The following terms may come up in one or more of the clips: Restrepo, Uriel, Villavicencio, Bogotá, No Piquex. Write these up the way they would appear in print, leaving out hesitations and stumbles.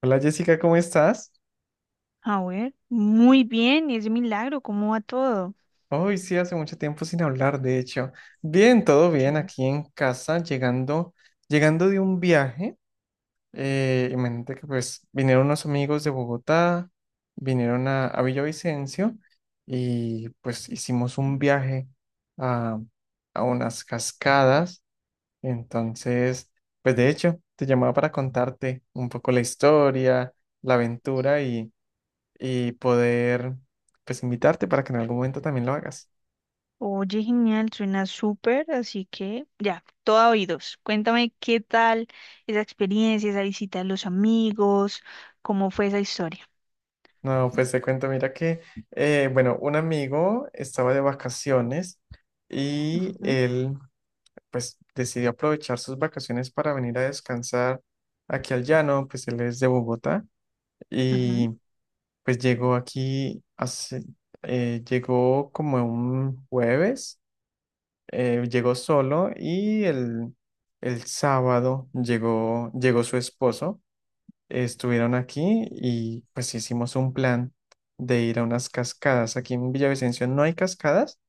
Hola Jessica, ¿cómo estás? A ver, muy bien, es milagro, ¿cómo va todo? Hoy sí, hace mucho tiempo sin hablar, de hecho. Bien, todo bien Sí. aquí en casa, llegando, llegando de un viaje. Imagínate que pues vinieron unos amigos de Bogotá, vinieron a Villavicencio y pues hicimos un viaje a, a unas cascadas. Entonces, pues de hecho, te llamaba para contarte un poco la historia, la aventura y poder pues invitarte para que en algún momento también lo hagas. Oye, genial, suena súper, así que ya, todo oídos. Cuéntame qué tal esa experiencia, esa visita a los amigos, cómo fue esa historia. No, pues te cuento, mira que, bueno, un amigo estaba de vacaciones y Ujú, él pues decidió aprovechar sus vacaciones para venir a descansar aquí al llano, pues él es de Bogotá ujú. y pues llegó aquí llegó como un jueves, llegó solo y el sábado llegó, llegó su esposo. Estuvieron aquí y pues hicimos un plan de ir a unas cascadas. Aquí en Villavicencio no hay cascadas,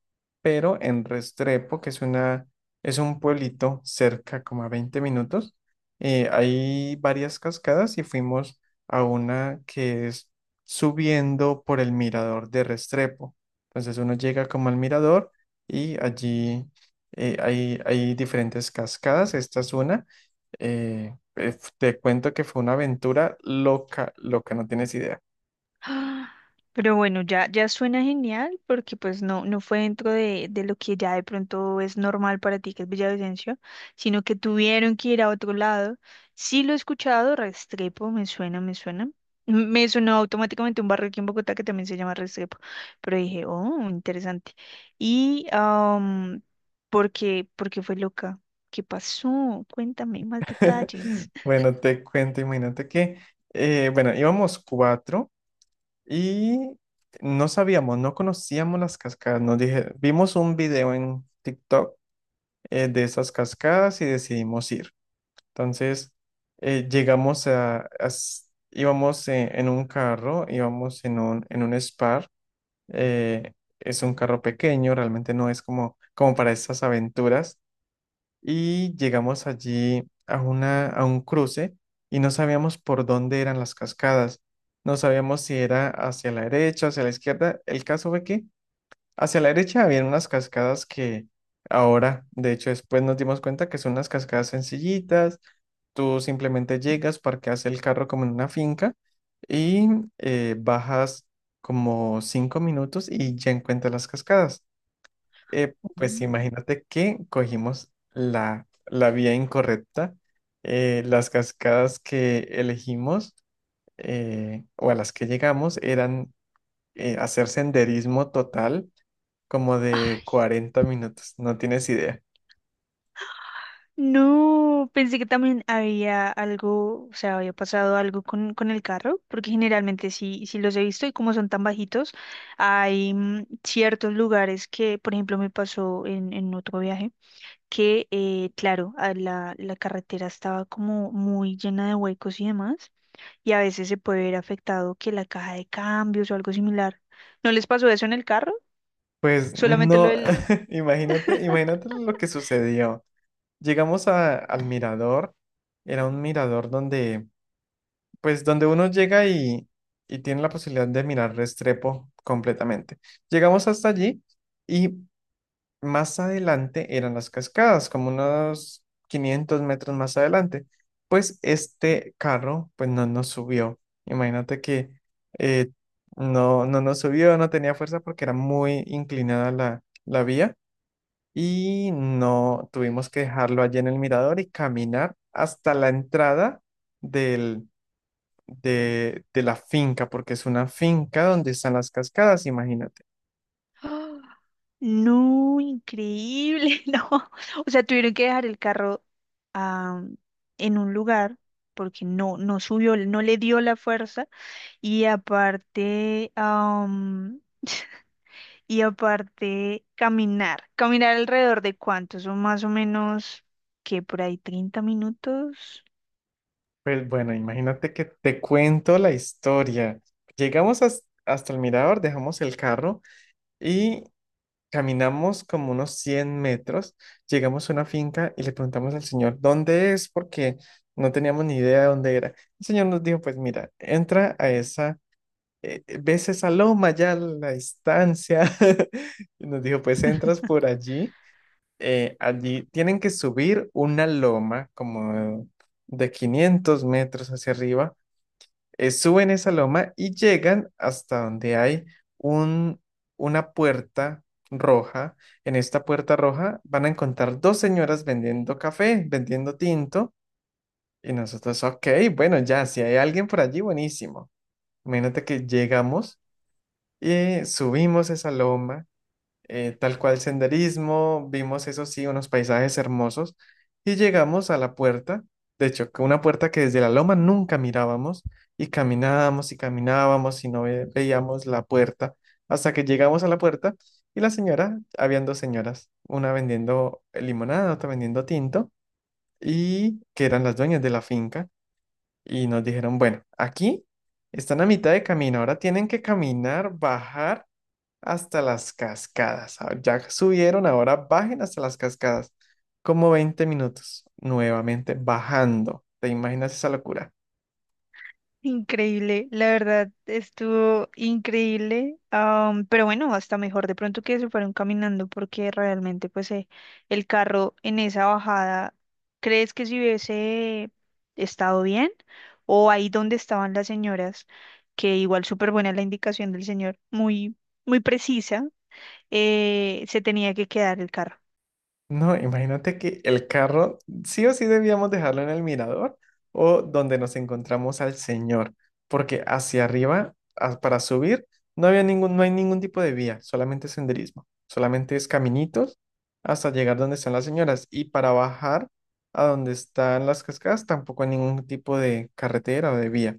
pero en Restrepo, que es un pueblito cerca como a 20 minutos. Hay varias cascadas y fuimos a una que es subiendo por el mirador de Restrepo. Entonces uno llega como al mirador y allí hay diferentes cascadas, esta es una. Te cuento que fue una aventura loca, loca, no tienes idea. Ah, pero bueno, ya, ya suena genial porque pues no, no fue dentro de lo que ya de pronto es normal para ti, que es Villavicencio, sino que tuvieron que ir a otro lado. Sí lo he escuchado, Restrepo, me suena, me suena. Me sonó automáticamente un barrio aquí en Bogotá que también se llama Restrepo, pero dije, oh, interesante. Y, ¿por qué fue loca? ¿Qué pasó? Cuéntame más detalles. Bueno, te cuento, imagínate bueno, íbamos cuatro y no conocíamos las cascadas. Vimos un video en TikTok de esas cascadas y decidimos ir. Entonces, íbamos en un carro, íbamos en un Spar. eh, es un carro pequeño, realmente no es como para esas aventuras y llegamos allí a un cruce y no sabíamos por dónde eran las cascadas. No sabíamos si era hacia la derecha, hacia la izquierda. El caso fue que hacia la derecha había unas cascadas que ahora, de hecho, después nos dimos cuenta que son unas cascadas sencillitas. Tú simplemente llegas, parqueas el carro como en una finca y bajas como 5 minutos y ya encuentras las cascadas. Pues imagínate que cogimos la vía incorrecta. Las cascadas que elegimos o a las que llegamos eran hacer senderismo total como de Mm. 40 minutos, no tienes idea. No, pensé que también había algo, o sea, había pasado algo con el carro, porque generalmente sí, sí los he visto y como son tan bajitos, hay ciertos lugares que, por ejemplo, me pasó en otro viaje, que, claro, a la carretera estaba como muy llena de huecos y demás, y a veces se puede ver afectado que la caja de cambios o algo similar. ¿No les pasó eso en el carro? Pues Solamente lo no, del... imagínate, imagínate lo que sucedió. Llegamos al mirador, era un mirador donde uno llega y tiene la posibilidad de mirar Restrepo completamente. Llegamos hasta allí y más adelante eran las cascadas, como unos 500 metros más adelante. Pues este carro, pues no nos subió. Imagínate que eh, no, no nos subió, no tenía fuerza porque era muy inclinada la vía y no tuvimos que dejarlo allí en el mirador y caminar hasta la entrada del de la finca, porque es una finca donde están las cascadas, imagínate. No, increíble, no. O sea, tuvieron que dejar el carro ah, en un lugar porque no, no subió, no le dio la fuerza y aparte, y aparte caminar, caminar alrededor de cuánto, son más o menos que por ahí 30 minutos, Pues bueno, imagínate que te cuento la historia. Llegamos hasta el mirador, dejamos el carro y caminamos como unos 100 metros. Llegamos a una finca y le preguntamos al señor dónde es, porque no teníamos ni idea de dónde era. El señor nos dijo, pues mira, ves esa loma ya a la distancia. Y nos dijo, pues entras por allí. Allí tienen que subir una loma como de 500 metros hacia arriba. Suben esa loma y llegan hasta donde hay un, una puerta roja. En esta puerta roja van a encontrar dos señoras vendiendo café, vendiendo tinto. Y nosotros, ok, bueno, ya, si hay alguien por allí, buenísimo. Imagínate que llegamos y subimos esa loma. Tal cual senderismo, vimos eso sí, unos paisajes hermosos y llegamos a la puerta, de hecho, que una puerta que desde la loma nunca mirábamos y caminábamos y caminábamos y no veíamos la puerta hasta que llegamos a la puerta y la señora, habían dos señoras, una vendiendo limonada, otra vendiendo tinto y que eran las dueñas de la finca y nos dijeron, bueno, aquí están a mitad de camino, ahora tienen que caminar, bajar hasta las cascadas. Ah, ya subieron, ahora bajen hasta las cascadas. Como 20 minutos, nuevamente bajando. ¿Te imaginas esa locura? Increíble, la verdad estuvo increíble, pero bueno, hasta mejor de pronto que se fueron caminando porque realmente pues el carro en esa bajada, ¿crees que si hubiese estado bien? O ahí donde estaban las señoras, que igual súper buena la indicación del señor, muy, muy precisa, se tenía que quedar el carro. No, imagínate que el carro sí o sí debíamos dejarlo en el mirador o donde nos encontramos al señor, porque hacia arriba, para subir, no hay ningún tipo de vía, solamente senderismo, solamente es caminitos hasta llegar donde están las señoras, y para bajar a donde están las cascadas tampoco hay ningún tipo de carretera o de vía.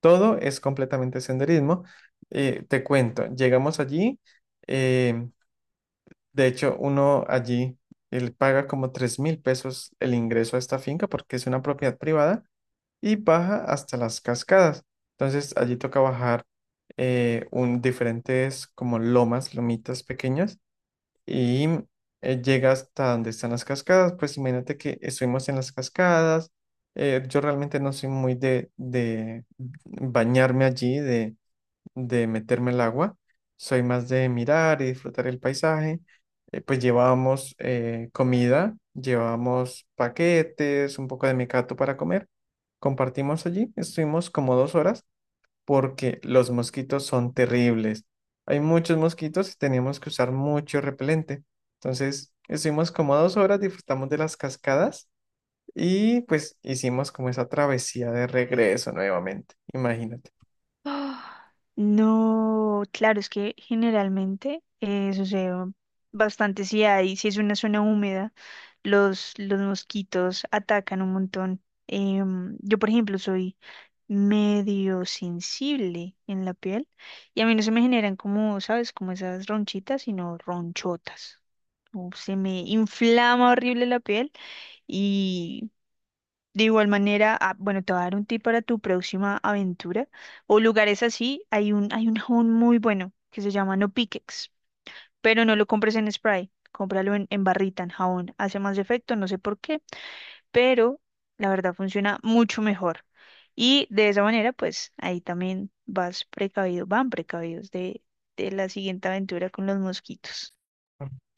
Todo es completamente senderismo. Te cuento, llegamos allí. eh, de hecho, él paga como 3.000 pesos el ingreso a esta finca porque es una propiedad privada y baja hasta las cascadas. Entonces, allí toca bajar. Diferentes como lomas, lomitas pequeñas y llega hasta donde están las cascadas. Pues imagínate que estuvimos en las cascadas. Yo realmente no soy muy de bañarme allí, de meterme al agua, soy más de mirar y disfrutar el paisaje. Pues llevábamos comida, llevábamos paquetes, un poco de mecato para comer. Compartimos allí, estuvimos como 2 horas porque los mosquitos son terribles. Hay muchos mosquitos y teníamos que usar mucho repelente. Entonces, estuvimos como 2 horas, disfrutamos de las cascadas y pues hicimos como esa travesía de regreso nuevamente. Imagínate. Ah, no, claro, es que generalmente sucede bastante si es una zona húmeda, los mosquitos atacan un montón. Yo, por ejemplo, soy medio sensible en la piel y a mí no se me generan como, ¿sabes? Como esas ronchitas, sino ronchotas. O se me inflama horrible la piel de igual manera, bueno, te voy a dar un tip para tu próxima aventura o lugares así. Hay un jabón muy bueno que se llama No Piquex, pero no lo compres en spray, cómpralo en barrita, en jabón. Hace más efecto, no sé por qué, pero la verdad funciona mucho mejor. Y de esa manera, pues ahí también vas precavido, van precavidos de la siguiente aventura con los mosquitos.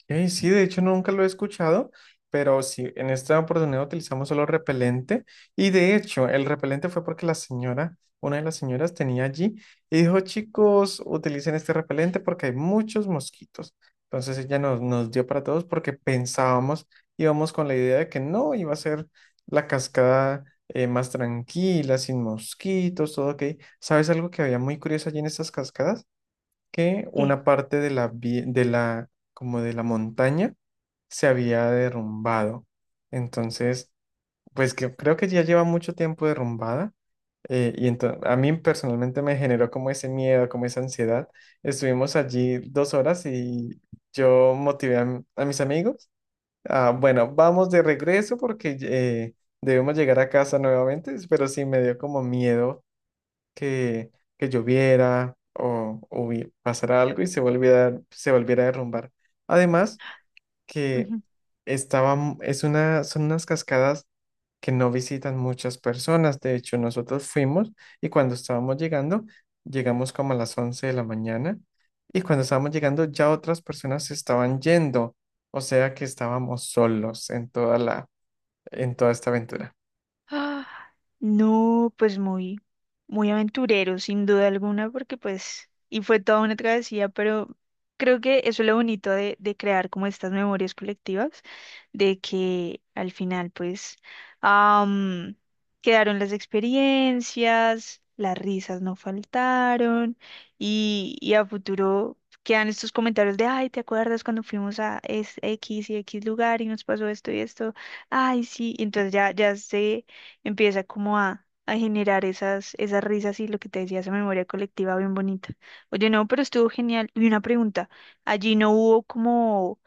Sí, de hecho nunca lo he escuchado, pero sí, en esta oportunidad utilizamos solo repelente, y de hecho el repelente fue porque la señora, una de las señoras, tenía allí y dijo, chicos, utilicen este repelente porque hay muchos mosquitos. Entonces ella nos dio para todos, porque pensábamos, íbamos con la idea de que no, iba a ser la cascada más tranquila, sin mosquitos, todo ok. ¿Sabes algo que había muy curioso allí en estas cascadas? Que ¿Qué? una parte de la, vie- de la, como de la montaña se había derrumbado. Entonces, pues que creo que ya lleva mucho tiempo derrumbada. Y entonces a mí personalmente me generó como ese miedo, como esa ansiedad. Estuvimos allí 2 horas y yo motivé a mis amigos. Ah, bueno, vamos de regreso porque debemos llegar a casa nuevamente, pero sí me dio como miedo que, que lloviera o pasara algo y se volviera a derrumbar. Además, que estaba, m- es una, son unas cascadas que no visitan muchas personas. De hecho, nosotros fuimos y cuando estábamos llegando, llegamos como a las 11 de la mañana, y cuando estábamos llegando ya otras personas se estaban yendo. O sea que estábamos solos en toda esta aventura. Ah, no, pues muy, muy aventurero, sin duda alguna, porque pues, y fue toda una travesía, pero creo que eso es lo bonito de crear como estas memorias colectivas, de que al final pues am, quedaron las experiencias, las risas no faltaron y a futuro quedan estos comentarios de, ay, ¿te acuerdas cuando fuimos a X y X lugar y nos pasó esto y esto? Ay, sí, y entonces ya, ya se empieza como a generar esas risas y lo que te decía, esa memoria colectiva bien bonita. Oye, no, pero estuvo genial. Y una pregunta, allí no hubo como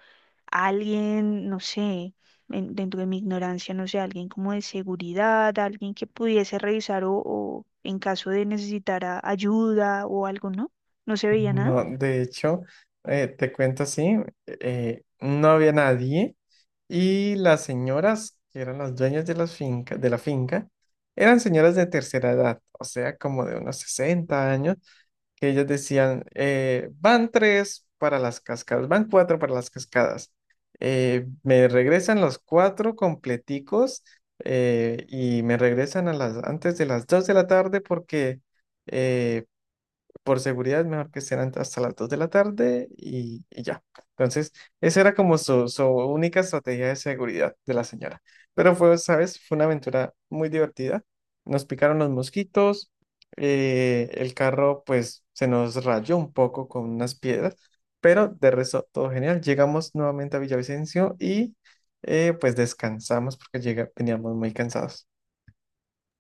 alguien, no sé, dentro de mi ignorancia, no sé, alguien como de seguridad, alguien que pudiese revisar o en caso de necesitar ayuda o algo, ¿no? No se veía nada. No, de hecho, te cuento así, no había nadie, y las señoras que eran las dueñas de la finca eran señoras de tercera edad, o sea, como de unos 60 años, que ellas decían, van tres para las cascadas, van cuatro para las cascadas, me regresan los cuatro completicos y me regresan antes de las 2 de la tarde porque... eh, por seguridad es mejor que estén hasta las 2 de la tarde, y ya. Entonces, esa era como su única estrategia de seguridad de la señora. Pero fue, ¿sabes? Fue una aventura muy divertida. Nos picaron los mosquitos, el carro pues se nos rayó un poco con unas piedras, pero de resto todo genial. Llegamos nuevamente a Villavicencio y pues descansamos porque veníamos muy cansados.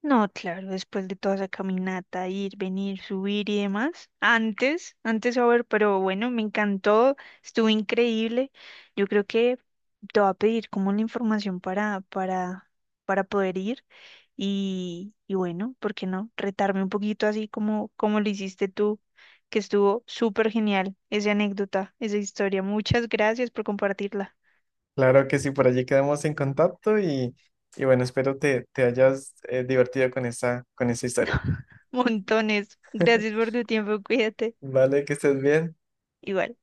No, claro, después de toda esa caminata, ir, venir, subir y demás. Antes, antes a ver, pero bueno, me encantó, estuvo increíble. Yo creo que te va a pedir como la información para poder ir y bueno, ¿por qué no? Retarme un poquito así como lo hiciste tú, que estuvo súper genial esa anécdota, esa historia. Muchas gracias por compartirla. Claro que sí, por allí quedamos en contacto y bueno, espero te hayas divertido con esa historia. Montones. Gracias por tu tiempo, cuídate. Vale, que estés bien. Igual.